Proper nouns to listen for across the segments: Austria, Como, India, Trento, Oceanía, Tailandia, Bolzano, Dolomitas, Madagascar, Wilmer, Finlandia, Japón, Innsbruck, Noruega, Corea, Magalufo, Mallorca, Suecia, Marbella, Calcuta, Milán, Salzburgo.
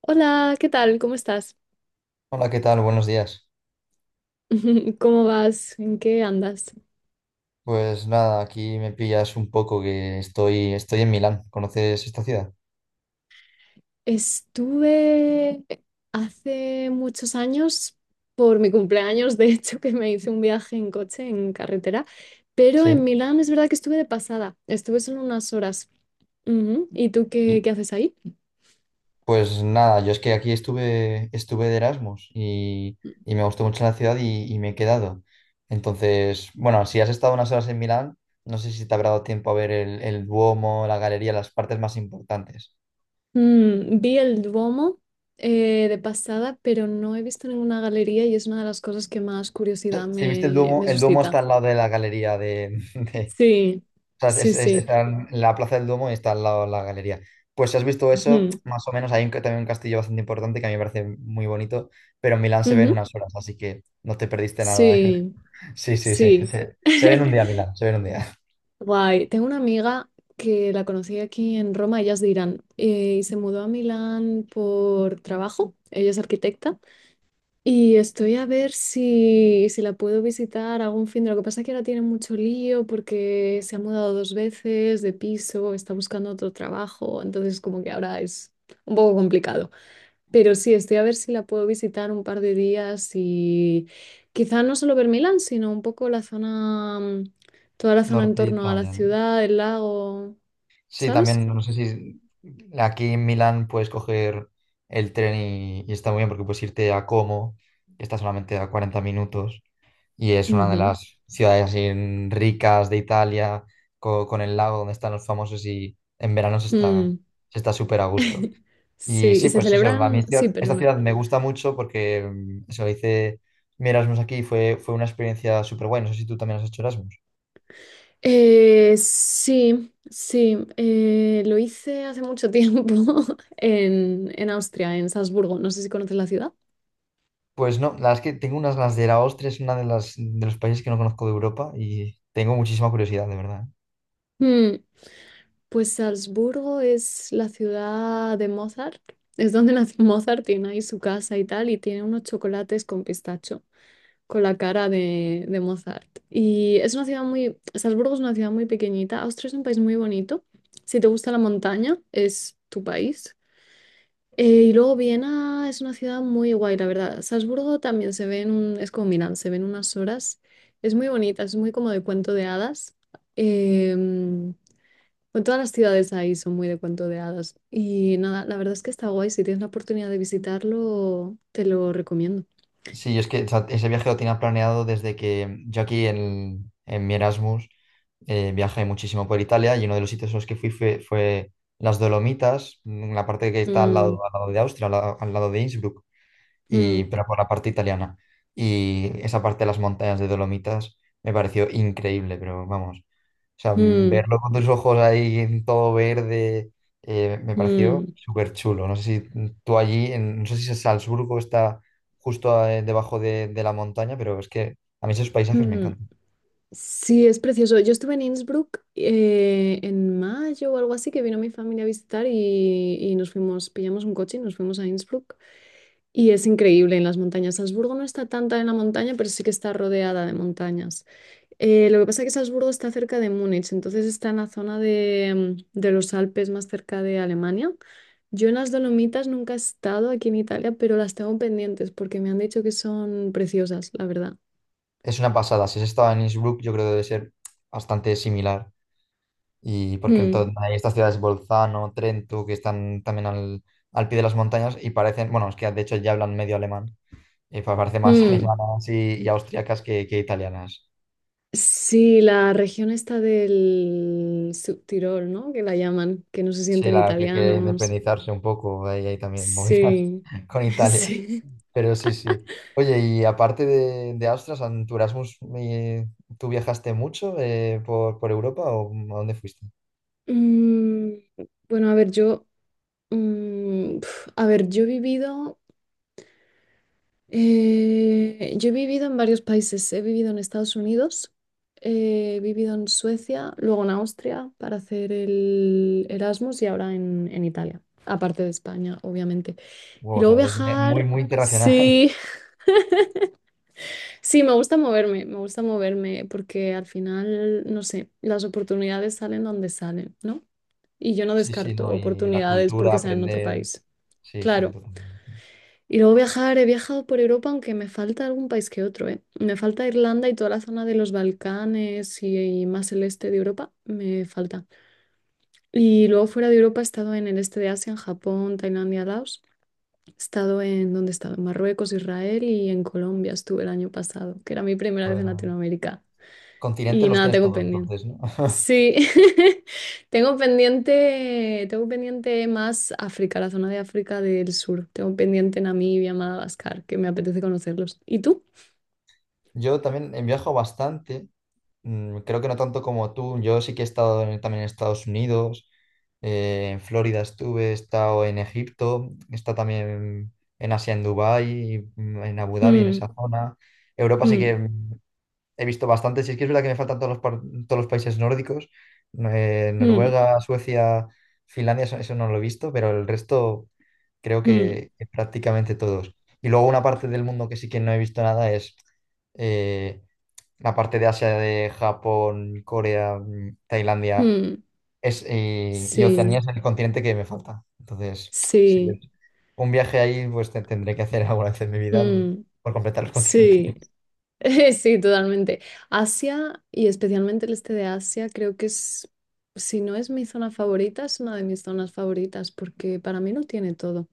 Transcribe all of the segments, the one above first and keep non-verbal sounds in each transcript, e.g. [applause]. Hola, ¿qué tal? ¿Cómo estás? Hola, ¿qué tal? Buenos días. [laughs] ¿Cómo vas? ¿En qué andas? Pues nada, aquí me pillas un poco que estoy en Milán. ¿Conoces esta ciudad? Estuve hace muchos años, por mi cumpleaños, de hecho, que me hice un viaje en coche, en carretera, pero en Sí. Milán es verdad que estuve de pasada, estuve solo unas horas. Ujú. ¿Y tú qué, Y qué haces ahí? pues nada, yo es que aquí estuve de Erasmus y me gustó mucho la ciudad y me he quedado. Entonces, bueno, si has estado unas horas en Milán, no sé si te habrá dado tiempo a ver el Duomo, la galería, las partes más importantes. Vi el Duomo de pasada, pero no he visto ninguna galería y es una de las cosas que más curiosidad [laughs] Si viste me el Duomo suscita. está al lado de la galería [laughs] Sí, o sea, sí, sí. está en la Plaza del Duomo y está al lado la galería. Pues si has visto eso, Ujú. más o menos hay también un castillo bastante importante que a mí me parece muy bonito, pero Milán se ve en Ujú. unas horas, así que no te perdiste nada. Sí, [laughs] Sí, sí, sí. sí. Se ve en un [laughs] día Milán, se ve en un día. Guay. Tengo una amiga que la conocí aquí en Roma, ella es de Irán, y se mudó a Milán por trabajo. Ella es arquitecta y estoy a ver si la puedo visitar algún fin de... Lo que pasa es que ahora tiene mucho lío porque se ha mudado dos veces de piso, está buscando otro trabajo, entonces como que ahora es un poco complicado. Pero sí, estoy a ver si la puedo visitar un par de días y quizá no solo ver Milán, sino un poco la zona, toda la zona en Norte torno a la Italia, ¿no? ciudad, el lago, Sí, ¿sabes? también no sé si aquí en Milán puedes coger el tren y está muy bien porque puedes irte a Como, que está solamente a 40 minutos. Y es una de Ujú. las ciudades así ricas de Italia, con el lago donde están los famosos y en verano Mm. se está súper a gusto. [laughs] Sí, Y y sí, se pues eso, a mí celebran, sí, esta perdona. ciudad me gusta mucho porque eso hice mi Erasmus aquí y fue una experiencia súper guay. No sé si tú también has hecho Erasmus. Sí, sí, lo hice hace mucho tiempo [laughs] en Austria, en Salzburgo, no sé si conoces la ciudad. Pues no, la verdad es que tengo unas ganas de ir a Austria, es una de las de los países que no conozco de Europa y tengo muchísima curiosidad, de verdad. Mm. Pues Salzburgo es la ciudad de Mozart, es donde [laughs] nació Mozart, tiene ahí su casa y tal, y tiene unos chocolates con pistacho, con la cara de Mozart. Y es una ciudad muy, Salzburgo es una ciudad muy pequeñita, Austria es un país muy bonito, si te gusta la montaña, es tu país. Y luego Viena es una ciudad muy guay, la verdad. Salzburgo también se ve en un, es como Milán, se ven unas horas, es muy bonita, es muy como de cuento de hadas. Eh, bueno, todas las ciudades ahí son muy de cuento de hadas. Y nada, la verdad es que está guay. Si tienes la oportunidad de visitarlo, te lo recomiendo. Sí, es que o sea, ese viaje lo tenía planeado desde que yo aquí en mi Erasmus. Viajé muchísimo por Italia y uno de los sitios a los que fui fue las Dolomitas, en la parte que está Mm, al lado de Austria, al lado de Innsbruck, y, mm, pero por la parte italiana. Y esa parte de las montañas de Dolomitas me pareció increíble, pero vamos, o sea, mm, verlo con tus ojos ahí en todo verde, me pareció mm, súper chulo. No sé si tú allí, no sé si Salzburgo está justo debajo de la montaña, pero es que a mí esos paisajes me mm. encantan. Sí, es precioso. Yo estuve en Innsbruck en mayo o algo así, que vino mi familia a visitar y nos fuimos, pillamos un coche y nos fuimos a Innsbruck. Y es increíble en las montañas. Salzburgo no está tanta en la montaña, pero sí que está rodeada de montañas. Lo que pasa es que Salzburgo está cerca de Múnich, entonces está en la zona de los Alpes más cerca de Alemania. Yo en las Dolomitas nunca he estado aquí en Italia, pero las tengo pendientes porque me han dicho que son preciosas, la verdad. Es una pasada. Si has estado en Innsbruck, yo creo que debe ser bastante similar. Y porque Mm, entonces hay estas ciudades, Bolzano, Trento, que están también al, al pie de las montañas y parecen, bueno, es que de hecho ya hablan medio alemán. Y parece más [laughs] mm. alemanas y austriacas que italianas. Sí, la región está del Subtirol, ¿no? Que la llaman, que no se Sí, sienten la que quiere italianos. independizarse un poco. Ahí hay también movidas Sí, [laughs] con [laughs] Italia. sí. Pero sí, sí. Oye, y aparte de Austria, en tu Erasmus, ¿tú viajaste mucho por Europa o a dónde fuiste? Mm, bueno, a ver, yo he vivido, yo he vivido en varios países. He vivido en Estados Unidos, he vivido en Suecia, luego en Austria para hacer el Erasmus y ahora en Italia, aparte de España, obviamente. Wow, Y o luego sea, muy, viajar, muy internacional. sí, [laughs] [laughs] sí, me gusta moverme porque al final, no sé, las oportunidades salen donde salen, ¿no? Y yo no Sí, sí, descarto ¿no? Y la oportunidades cultura, porque sea en otro aprender. país. Sí, sí, Claro. totalmente. Y luego viajar, he viajado por Europa, aunque me falta algún país que otro, ¿eh? Me falta Irlanda y toda la zona de los Balcanes y más el este de Europa, me falta. Y luego fuera de Europa he estado en el este de Asia, en Japón, Tailandia, Laos. He estado en, ¿dónde he estado? En Marruecos, Israel y en Colombia estuve el año pasado, que era mi primera vez Pues, en ah, Latinoamérica. continentes Y los nada, tienes tengo todos, pendiente. entonces, ¿no? [laughs] Sí, [laughs] tengo pendiente más África, la zona de África del Sur. Tengo pendiente Namibia, Madagascar, que me apetece conocerlos. ¿Y tú? Yo también viajo bastante. Creo que no tanto como tú. Yo sí que he estado también en Estados Unidos, en Florida estuve, he estado en Egipto, he estado también en Asia, en Dubái, en Abu Dhabi, en Hmm, esa zona. Europa sí hmm, que he visto bastantes, y es que es verdad que me faltan todos los, todos los países nórdicos, hmm, Noruega, Suecia, Finlandia, eso no lo he visto, pero el resto creo hmm, que prácticamente todos. Y luego una parte del mundo que sí que no he visto nada es eh, la parte de Asia, de Japón, Corea, Tailandia hmm. es, y Oceanía Sí, es el continente que me falta. Entonces, sí, sí, un viaje ahí pues tendré que hacer [laughs] alguna vez en mi vida mm, por completar los sí, continentes. [laughs] sí, totalmente. Asia y especialmente el este de Asia, creo que es, si no es mi zona favorita, es una de mis zonas favoritas porque para mí no tiene todo.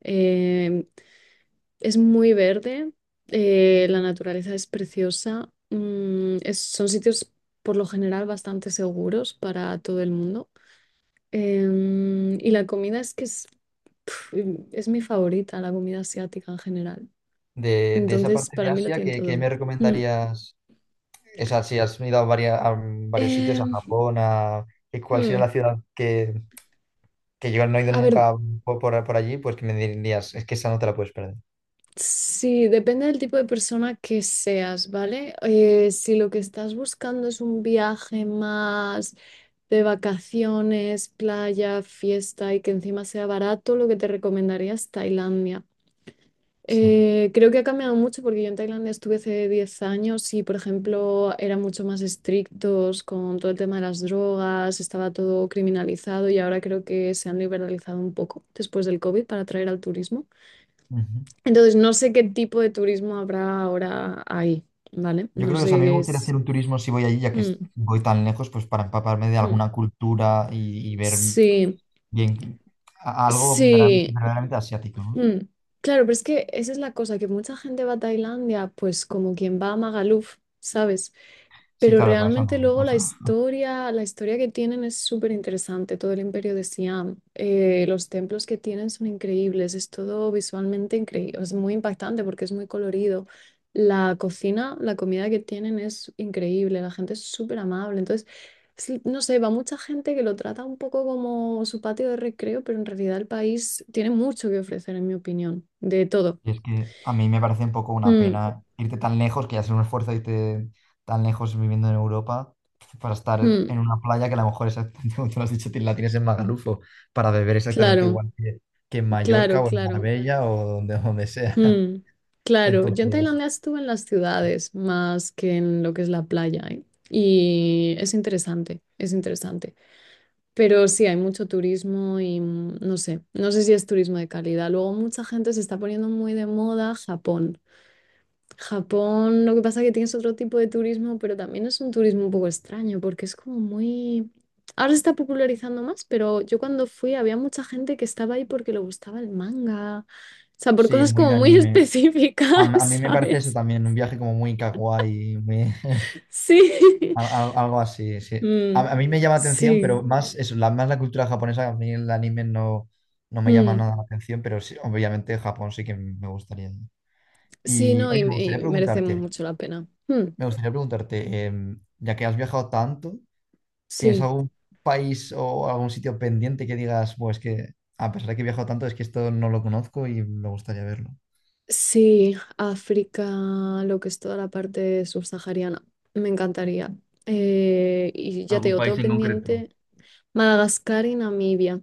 Em, Es muy verde, la naturaleza es preciosa, son sitios por lo general bastante seguros para todo el mundo. Y la comida es que pf, es mi favorita, la comida asiática en general. De esa Entonces, parte para de mí lo Asia, tiene ¿qué todo. me Mm. recomendarías? O sea, si has ido a, a varios sitios, a Em, Japón, a, ¿cuál sería mm, la ciudad que yo no he ido A ver, nunca por, por allí? Pues que me dirías, es que esa no te la puedes perder. Sí, depende del tipo de persona que seas, ¿vale? Si lo que estás buscando es un viaje más de vacaciones, playa, fiesta y que encima sea barato, lo que te recomendaría es Tailandia. Sí. Creo que ha cambiado mucho porque yo en Tailandia estuve hace 10 años y, por ejemplo, eran mucho más estrictos con todo el tema de las drogas, estaba todo criminalizado y ahora creo que se han liberalizado un poco después del COVID para atraer al turismo. Ujú. Entonces, no sé qué tipo de turismo habrá ahora ahí, ¿vale? Yo No creo que, o sé sea, a mí me qué gustaría es. hacer un turismo si voy allí, ya que Mm, voy tan lejos, pues para empaparme de mm. alguna cultura y ver Sí, bien sí. verdaderamente asiático, ¿no? mm. Claro, pero es que esa es la cosa, que mucha gente va a Tailandia, pues como quien va a Magaluf, ¿sabes? Sí, Pero claro, para eso realmente no. luego Para eso no. La historia que tienen es súper interesante, todo el imperio de Siam. Los templos que tienen son increíbles, es todo visualmente increíble, es muy impactante porque es muy colorido. La cocina, la comida que tienen es increíble, la gente es súper amable. Entonces, sí, no sé, va mucha gente que lo trata un poco como su patio de recreo, pero en realidad el país tiene mucho que ofrecer, en mi opinión, de todo. Y es que a mí me parece un poco una Mm, pena irte tan lejos, que ya es un esfuerzo irte tan lejos viviendo en Europa, para estar en mm, una playa que a lo mejor exactamente [laughs] como tú lo has dicho, la tienes en Magalufo, para beber exactamente claro, igual que en Mallorca claro, o en claro. Marbella o donde, donde sea. [laughs] Mm, claro, yo en Entonces, Tailandia estuve en las ciudades más que en lo que es la playa, ¿eh? Y es interesante, es interesante. Pero sí, hay mucho turismo y no sé, no sé si es turismo de calidad. Luego mucha gente se está poniendo muy de moda Japón. Japón, lo que pasa es que tienes otro tipo de turismo, pero también es un turismo un poco extraño, porque es como muy... Ahora se está popularizando más, pero yo cuando fui había mucha gente que estaba ahí porque le gustaba el manga, o sea, por sí, cosas muy como de muy [laughs] anime. específicas, A mí me parece eso ¿sabes? también, un viaje como muy kawaii, muy... [laughs] Sí. [laughs] Algo así, sí. Mm, A mí me llama atención, sí. pero más eso, la, más la cultura japonesa, a mí el anime no, no me llama Mm, nada la atención, pero sí, obviamente Japón sí que me gustaría. sí, Y no, oye, y merece mucho la pena. Me gustaría preguntarte, ya que has viajado tanto, ¿tienes Sí. algún país o algún sitio pendiente que digas, pues que a pesar de que he viajado tanto, es que esto no lo conozco y me gustaría verlo? Sí, África, lo que es toda la parte subsahariana. Me encantaría. Y ya te ¿Algún digo, país tengo en concreto? pendiente Madagascar y Namibia.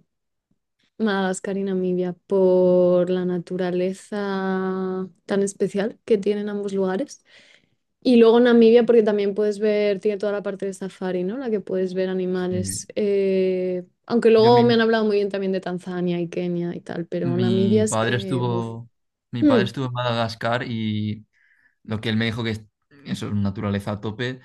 Madagascar y Namibia, por la naturaleza tan especial que tienen ambos lugares. Y luego Namibia, porque también puedes ver, tiene toda la parte de safari, ¿no? La que puedes ver Sí. animales. Aunque Yo luego me han hablado muy bien también de Tanzania y Kenia y tal, pero Namibia mi es padre que... buf. estuvo, mi padre Mm, estuvo en Madagascar y lo que él me dijo que es eso es naturaleza a tope,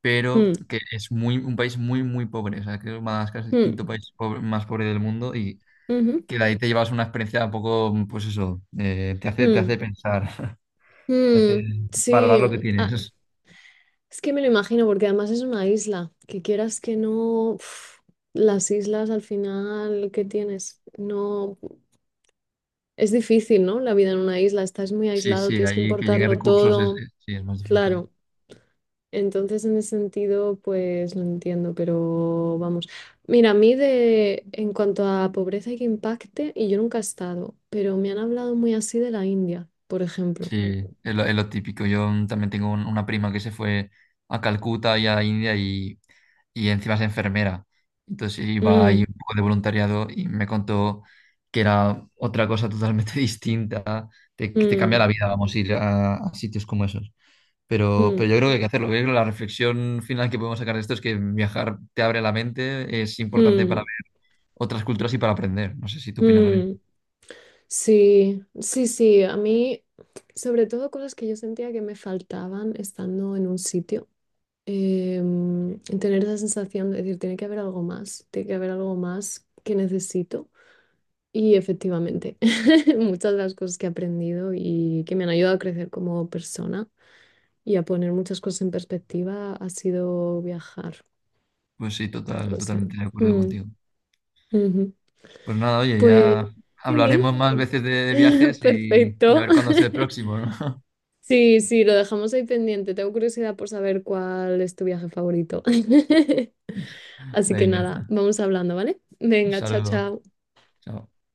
pero mm, que es muy, un país muy, muy pobre. O sea, que Madagascar es el mm, quinto más pobre del mundo y ujú. que de ahí te llevas una experiencia un poco, pues eso, te Mm, hace pensar, [laughs] te hace valorar sí, lo que ah, tienes. es que me lo imagino porque además es una isla, que quieras que no, uf, las islas al final, ¿qué tienes? No, es difícil, ¿no? La vida en una isla, estás muy Sí, aislado, sí, tienes que ahí que lleguen importarlo Ujú. recursos Todo, sí, es más difícil. claro. Entonces, en ese sentido, pues lo entiendo, pero vamos. Mira, en cuanto a pobreza y que impacte, y yo nunca he estado, pero me han hablado muy así de la India, por ejemplo. Sí, es lo típico. Yo también tengo una prima que se fue a Calcuta y a la India y encima es enfermera. Entonces iba ahí Mm, un poco de voluntariado y me contó que era otra cosa totalmente [laughs] distinta. Te, que te cambia mm, la vida, vamos, ir a sitios como esos. Pero mm. yo creo que hay que hacerlo. Yo creo que la reflexión final que podemos sacar de esto es que viajar te abre la mente, es importante para Mm, ver otras culturas y para aprender. No sé si tú opinas lo mismo. mm, sí, sí, sí, a mí, sobre todo cosas que yo sentía que me faltaban estando en un sitio, tener esa sensación de decir, tiene que haber algo más, tiene que haber algo más que necesito. Y efectivamente, [laughs] muchas de las cosas que he aprendido y que me han ayudado a crecer como persona y a poner muchas cosas en perspectiva ha sido viajar. Pues sí, total, O sea, totalmente de acuerdo mm, contigo. ujú. Pues nada, oye, Pues ya sí, hablaremos más veces de [laughs] viajes y a perfecto. ver cuándo es el próximo, ¿no? [laughs] Sí, sí, lo dejamos ahí pendiente. Tengo curiosidad por saber cuál es tu viaje favorito. [laughs] Así que nada, Venga, vamos hablando, ¿vale? un Venga, chao, saludo. chao. Chao.